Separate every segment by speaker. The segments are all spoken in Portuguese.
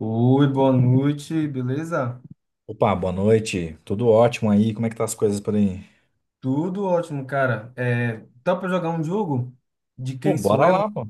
Speaker 1: Oi, boa noite, beleza?
Speaker 2: Opa, boa noite. Tudo ótimo aí? Como é que tá as coisas por aí?
Speaker 1: Tudo ótimo, cara. É, tá pra jogar um jogo? De
Speaker 2: Pô,
Speaker 1: quem sou
Speaker 2: bora
Speaker 1: eu?
Speaker 2: lá, pô.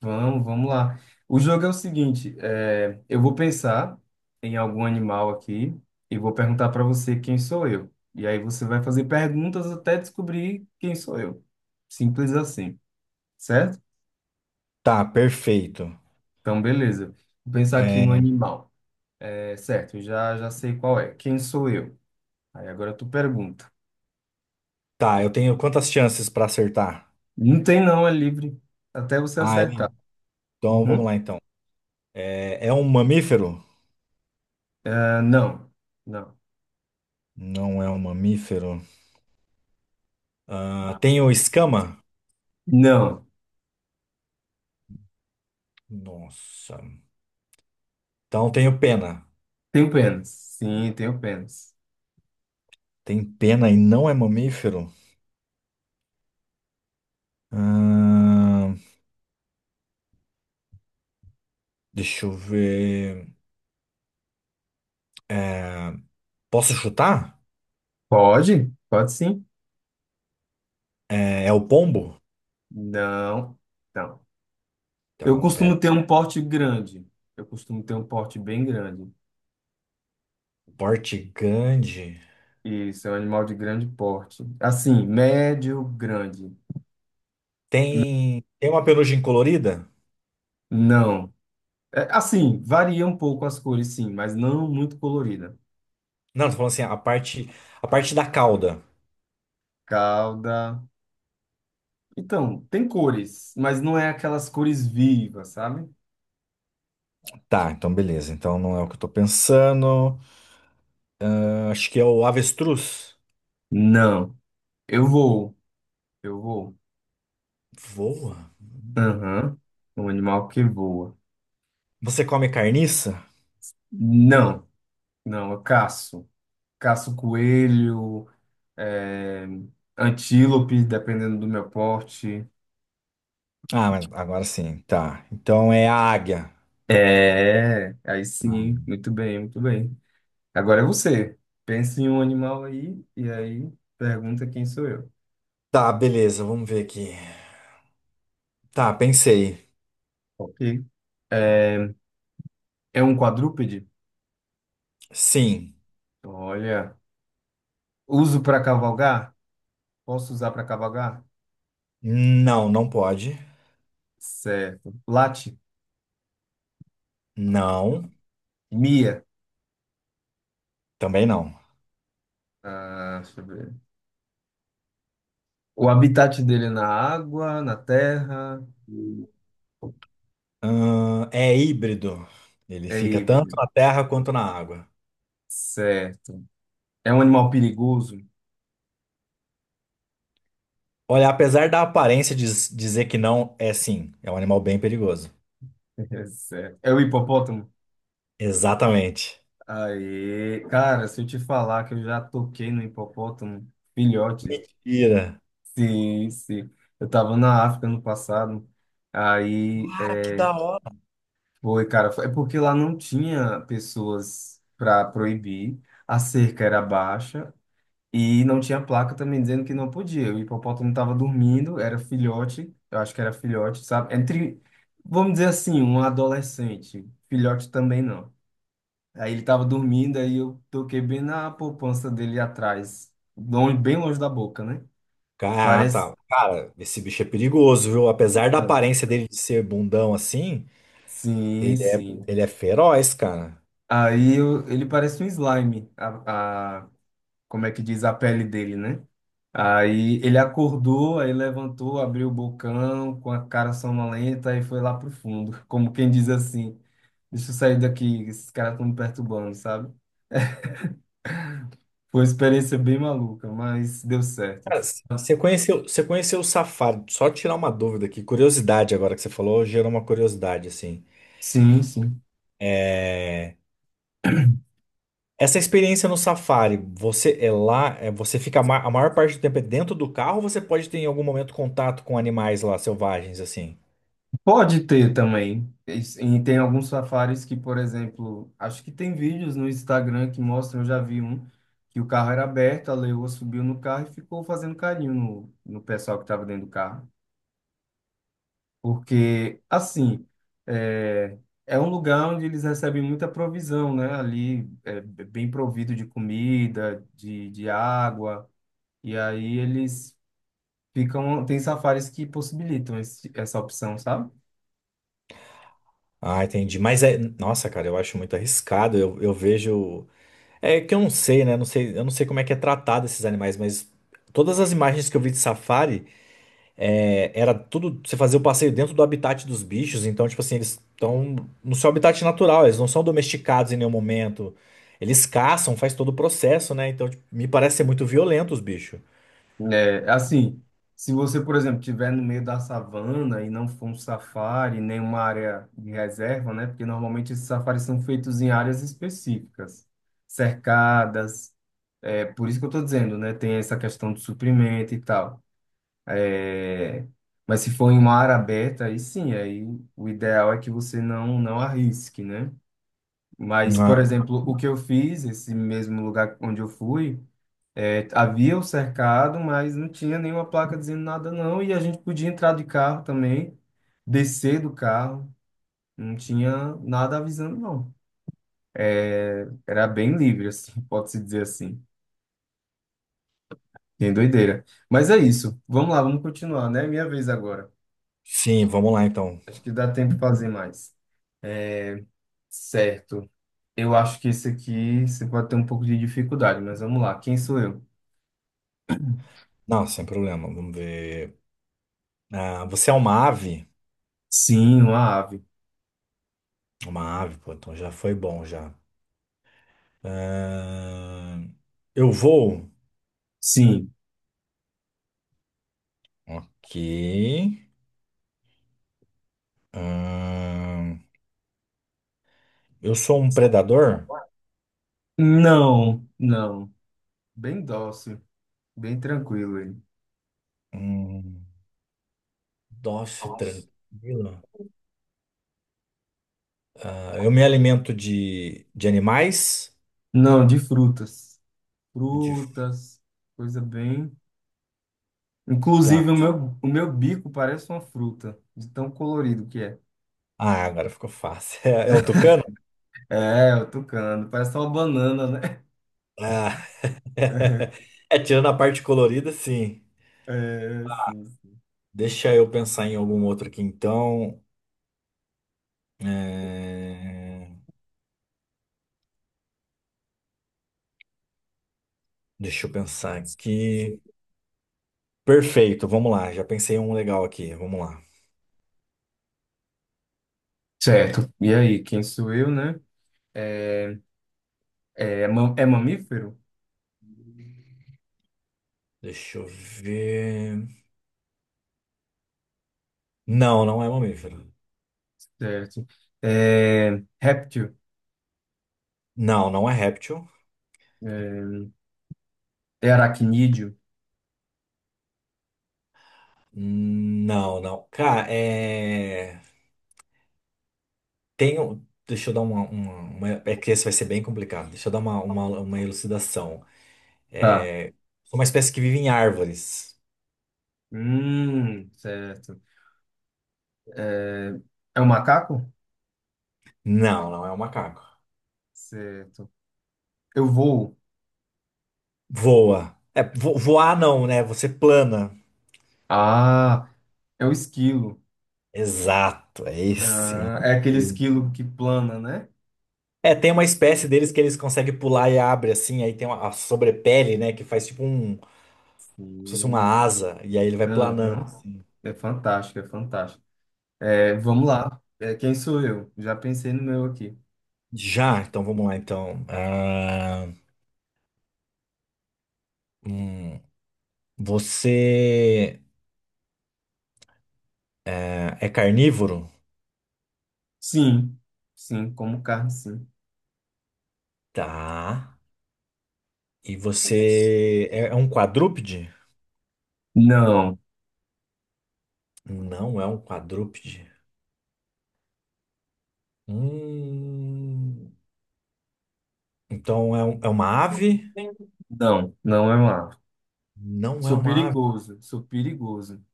Speaker 1: Vamos, vamos lá. O jogo é o seguinte: eu vou pensar em algum animal aqui e vou perguntar pra você quem sou eu. E aí você vai fazer perguntas até descobrir quem sou eu. Simples assim, certo?
Speaker 2: Tá, perfeito.
Speaker 1: Então, beleza. Vou pensar aqui no
Speaker 2: É,
Speaker 1: animal. É certo, eu já sei qual é. Quem sou eu? Aí agora tu pergunta.
Speaker 2: tá, eu tenho quantas chances pra acertar?
Speaker 1: Não tem não, é livre. Até você
Speaker 2: Ah, é?
Speaker 1: acertar.
Speaker 2: Então vamos
Speaker 1: Uhum.
Speaker 2: lá então. É um mamífero?
Speaker 1: Ah, não, não,
Speaker 2: Não é um mamífero. Ah,
Speaker 1: tá.
Speaker 2: tenho escama?
Speaker 1: Não.
Speaker 2: Nossa. Então tenho pena.
Speaker 1: Tenho pênis. Sim, tenho pênis.
Speaker 2: Tem pena e não é mamífero? Ah, deixa eu ver. É, posso chutar?
Speaker 1: Pode? Pode sim.
Speaker 2: É o pombo?
Speaker 1: Não, não. Eu
Speaker 2: Então, pera.
Speaker 1: costumo ter um porte grande. Eu costumo ter um porte bem grande.
Speaker 2: Porte grande.
Speaker 1: Isso, é um animal de grande porte. Assim, médio, grande.
Speaker 2: Tem uma penugem colorida?
Speaker 1: Não. É, assim, varia um pouco as cores, sim, mas não muito colorida.
Speaker 2: Não, tô falando assim, a parte da cauda.
Speaker 1: Cauda. Então, tem cores, mas não é aquelas cores vivas, sabe?
Speaker 2: Tá, então beleza. Então não é o que eu tô pensando. Ah, acho que é o avestruz.
Speaker 1: Não. Eu vou. Eu vou.
Speaker 2: Voa?
Speaker 1: Aham. Um animal que voa.
Speaker 2: Você come carniça?
Speaker 1: Não, não, eu caço. Caço coelho, é, antílope, dependendo do meu porte.
Speaker 2: Ah, mas agora sim. Tá. Então é a águia.
Speaker 1: É, aí
Speaker 2: Ah,
Speaker 1: sim, muito bem, muito bem. Agora é você. Pense em um animal aí e aí pergunta quem sou eu.
Speaker 2: tá, beleza. Vamos ver aqui. Tá, pensei.
Speaker 1: Ok. É é um quadrúpede?
Speaker 2: Sim.
Speaker 1: Olha. Uso para cavalgar? Posso usar para cavalgar?
Speaker 2: Não, não pode.
Speaker 1: Certo. Late?
Speaker 2: Não.
Speaker 1: Mia?
Speaker 2: Também não.
Speaker 1: Ah, deixa eu ver. O habitat dele é na água, na terra,
Speaker 2: É híbrido. Ele
Speaker 1: é
Speaker 2: fica tanto
Speaker 1: híbrido.
Speaker 2: na terra quanto na água.
Speaker 1: Certo. É um animal perigoso?
Speaker 2: Olha, apesar da aparência dizer que não, é sim, é um animal bem perigoso.
Speaker 1: Certo. É o hipopótamo?
Speaker 2: Exatamente.
Speaker 1: Aí, cara, se eu te falar que eu já toquei no hipopótamo, filhote.
Speaker 2: Mentira.
Speaker 1: Sim, sim. Eu tava na África no passado. Aí,
Speaker 2: Cara, que da hora.
Speaker 1: foi, cara, é porque lá não tinha pessoas para proibir. A cerca era baixa, e não tinha placa também dizendo que não podia. O hipopótamo estava dormindo, era filhote, eu acho que era filhote, sabe? Entre, vamos dizer assim, um adolescente. Filhote também não. Aí ele estava dormindo, aí eu toquei bem na poupança dele atrás, longe- bem longe da boca, né?
Speaker 2: Ah,
Speaker 1: Parece.
Speaker 2: tá. Cara, esse bicho é perigoso, viu? Apesar da
Speaker 1: Não.
Speaker 2: aparência dele de ser bundão assim,
Speaker 1: Sim,
Speaker 2: ele é,
Speaker 1: sim.
Speaker 2: ele é feroz, cara.
Speaker 1: Aí ele parece um slime, como é que diz a pele dele, né? Aí ele acordou, aí levantou, abriu o bocão com a cara sonolenta e foi lá pro fundo, como quem diz assim: deixa eu sair daqui, esses caras estão me perturbando, sabe? Foi uma experiência bem maluca, mas deu certo.
Speaker 2: Cara, você conheceu o safari? Só tirar uma dúvida aqui, curiosidade agora que você falou, gerou uma curiosidade assim.
Speaker 1: Sim, sim.
Speaker 2: É, Essa experiência no Safari, você é lá, você fica a maior parte do tempo é dentro do carro, ou você pode ter em algum momento contato com animais lá selvagens assim?
Speaker 1: Pode ter também. E tem alguns safaris que, por exemplo, acho que tem vídeos no Instagram que mostram, eu já vi um, que o carro era aberto, a leoa subiu no carro e ficou fazendo carinho no pessoal que estava dentro do carro. Porque, assim, é, é, um lugar onde eles recebem muita provisão, né? Ali é bem provido de comida, de água, e aí eles ficam. Tem safaris que possibilitam essa opção, sabe?
Speaker 2: Ah, entendi. Mas é, nossa, cara, eu acho muito arriscado. Eu vejo, é que eu não sei, né? Não sei, eu não sei como é que é tratado esses animais, mas todas as imagens que eu vi de Safari, é, era tudo. Você fazia o passeio dentro do habitat dos bichos, então, tipo assim, eles estão no seu habitat natural, eles não são domesticados em nenhum momento. Eles caçam, faz todo o processo, né? Então, tipo, me parece ser muito violento os bichos.
Speaker 1: É, assim, se você, por exemplo, estiver no meio da savana e não for um safari, nem uma área de reserva, né? Porque normalmente esses safaris são feitos em áreas específicas, cercadas. É, por isso que eu estou dizendo, né? Tem essa questão do suprimento e tal. É, mas se for em uma área aberta, aí sim, aí o ideal é que você não arrisque, né? Mas,
Speaker 2: Ah,
Speaker 1: por exemplo, o que eu fiz, esse mesmo lugar onde eu fui, havia o cercado, mas não tinha nenhuma placa dizendo nada, não. E a gente podia entrar de carro também, descer do carro, não tinha nada avisando, não. É, era bem livre, assim, pode-se dizer assim. Tem doideira. Mas é isso. Vamos lá, vamos continuar, né? É minha vez agora.
Speaker 2: sim, vamos lá então.
Speaker 1: Acho que dá tempo de fazer mais. É, certo. Eu acho que esse aqui você pode ter um pouco de dificuldade, mas vamos lá. Quem sou eu?
Speaker 2: Não, sem problema, vamos ver. Ah, você é uma ave?
Speaker 1: Sim, uma ave.
Speaker 2: Uma ave, pô, então já foi bom já. Ah, eu vou.
Speaker 1: Sim.
Speaker 2: Ok. Ah, eu sou um predador?
Speaker 1: Não, não. Bem dócil. Bem tranquilo ele.
Speaker 2: Hum. Nossa,
Speaker 1: Nossa.
Speaker 2: tranquilo. Ah, eu me alimento de animais.
Speaker 1: Não, de frutas.
Speaker 2: De,
Speaker 1: Frutas, coisa bem. Inclusive,
Speaker 2: tá.
Speaker 1: o meu bico parece uma fruta, de tão colorido que é.
Speaker 2: Ah, agora ficou fácil. É o tucano?
Speaker 1: É, o tucano, parece uma banana, né?
Speaker 2: Ah. É, tirando a parte colorida, sim.
Speaker 1: É, sim. Sim.
Speaker 2: Deixa eu pensar em algum outro aqui, então. É, deixa eu pensar aqui. Perfeito, vamos lá. Já pensei em um legal aqui. Vamos lá.
Speaker 1: Certo. E aí, quem sou eu, né? É, é mamífero?
Speaker 2: Deixa eu ver. Não, não é mamífero.
Speaker 1: Certo. É, réptil?
Speaker 2: Não, não é réptil.
Speaker 1: É, é aracnídeo?
Speaker 2: Não, não. Cara, é. Deixa eu dar é que esse vai ser bem complicado. Deixa eu dar uma elucidação.
Speaker 1: Tá.
Speaker 2: É, sou uma espécie que vive em árvores.
Speaker 1: Certo. É, é um macaco?
Speaker 2: Não, não é um macaco.
Speaker 1: Certo. Eu vou.
Speaker 2: Voa. É, voar não, né? Você plana.
Speaker 1: Ah, é o esquilo.
Speaker 2: Exato, é esse.
Speaker 1: Ah, é aquele esquilo que plana, né?
Speaker 2: É, tem uma espécie deles que eles conseguem pular e abre assim, aí tem uma, a sobrepele, né, que faz tipo um, como se fosse uma
Speaker 1: Sim.
Speaker 2: asa, e aí ele vai planando
Speaker 1: Aham.
Speaker 2: assim.
Speaker 1: É fantástico, é fantástico. É, vamos lá. É, quem sou eu? Já pensei no meu aqui.
Speaker 2: Já, então vamos lá então. Ah, hum, você é carnívoro?
Speaker 1: Sim, sim, como carne, sim.
Speaker 2: Tá. E você é um quadrúpede?
Speaker 1: Não,
Speaker 2: Não é um quadrúpede. Hum, então é, é uma ave?
Speaker 1: não, não é um ave.
Speaker 2: Não é
Speaker 1: Sou
Speaker 2: uma ave.
Speaker 1: perigoso, sou perigoso.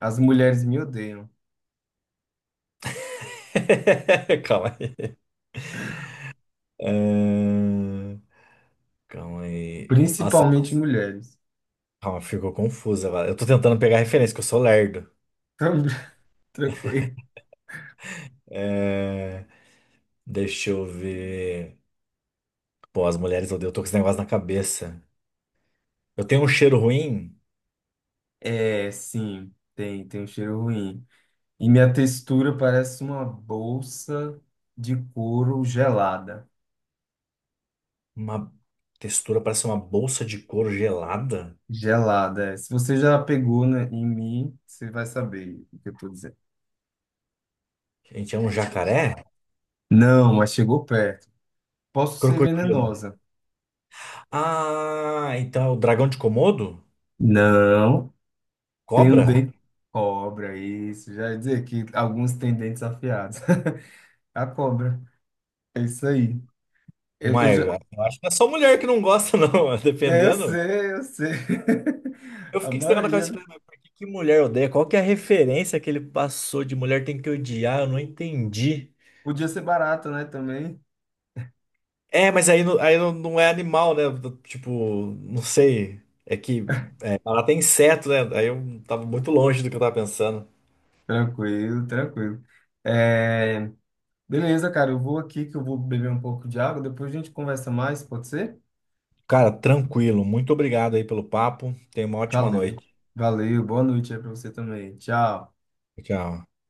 Speaker 1: As mulheres me odeiam,
Speaker 2: Calma aí. Ahn, calma aí. Nossa,
Speaker 1: principalmente mulheres.
Speaker 2: calma, ficou confusa agora. Eu tô tentando pegar referência, que eu sou lerdo.
Speaker 1: Tran- Tranquilo.
Speaker 2: É, deixa eu ver. Pô, as mulheres odeiam, eu tô com esse negócio na cabeça. Eu tenho um cheiro ruim?
Speaker 1: É, sim, tem um cheiro ruim. E minha textura parece uma bolsa de couro gelada.
Speaker 2: Uma textura, parece uma bolsa de couro gelada.
Speaker 1: Gelada. É. Se você já pegou, né, em mim, você vai saber o que eu tô dizendo.
Speaker 2: Gente, é um jacaré?
Speaker 1: Não, mas chegou perto. Posso ser
Speaker 2: Crocodilo.
Speaker 1: venenosa.
Speaker 2: Ah, então é o dragão de Komodo?
Speaker 1: Não, tem um
Speaker 2: Cobra?
Speaker 1: dente. Cobra, isso. Já ia dizer que alguns têm dentes afiados. A cobra. É isso aí. Eu
Speaker 2: Mas
Speaker 1: já.
Speaker 2: eu acho que é só mulher que não gosta, não,
Speaker 1: Eu
Speaker 2: dependendo.
Speaker 1: sei, eu sei.
Speaker 2: Eu
Speaker 1: A
Speaker 2: fiquei com esse negócio na
Speaker 1: maioria,
Speaker 2: cabeça,
Speaker 1: né?
Speaker 2: falei, mas por que que mulher odeia? Qual que é a referência que ele passou de mulher tem que odiar? Eu não entendi.
Speaker 1: Podia ser barata, né? Também.
Speaker 2: É, mas aí, aí não, não é animal, né? Tipo, não sei. É que ela tem inseto, né? Aí eu tava muito longe do que eu tava pensando.
Speaker 1: Tranquilo, tranquilo. É, Beleza, cara, eu vou aqui que eu vou beber um pouco de água, depois a gente conversa mais, pode ser?
Speaker 2: Cara, tranquilo. Muito obrigado aí pelo papo. Tenha uma ótima
Speaker 1: Valeu.
Speaker 2: noite.
Speaker 1: Valeu, boa noite aí pra você também. Tchau.
Speaker 2: Tchau.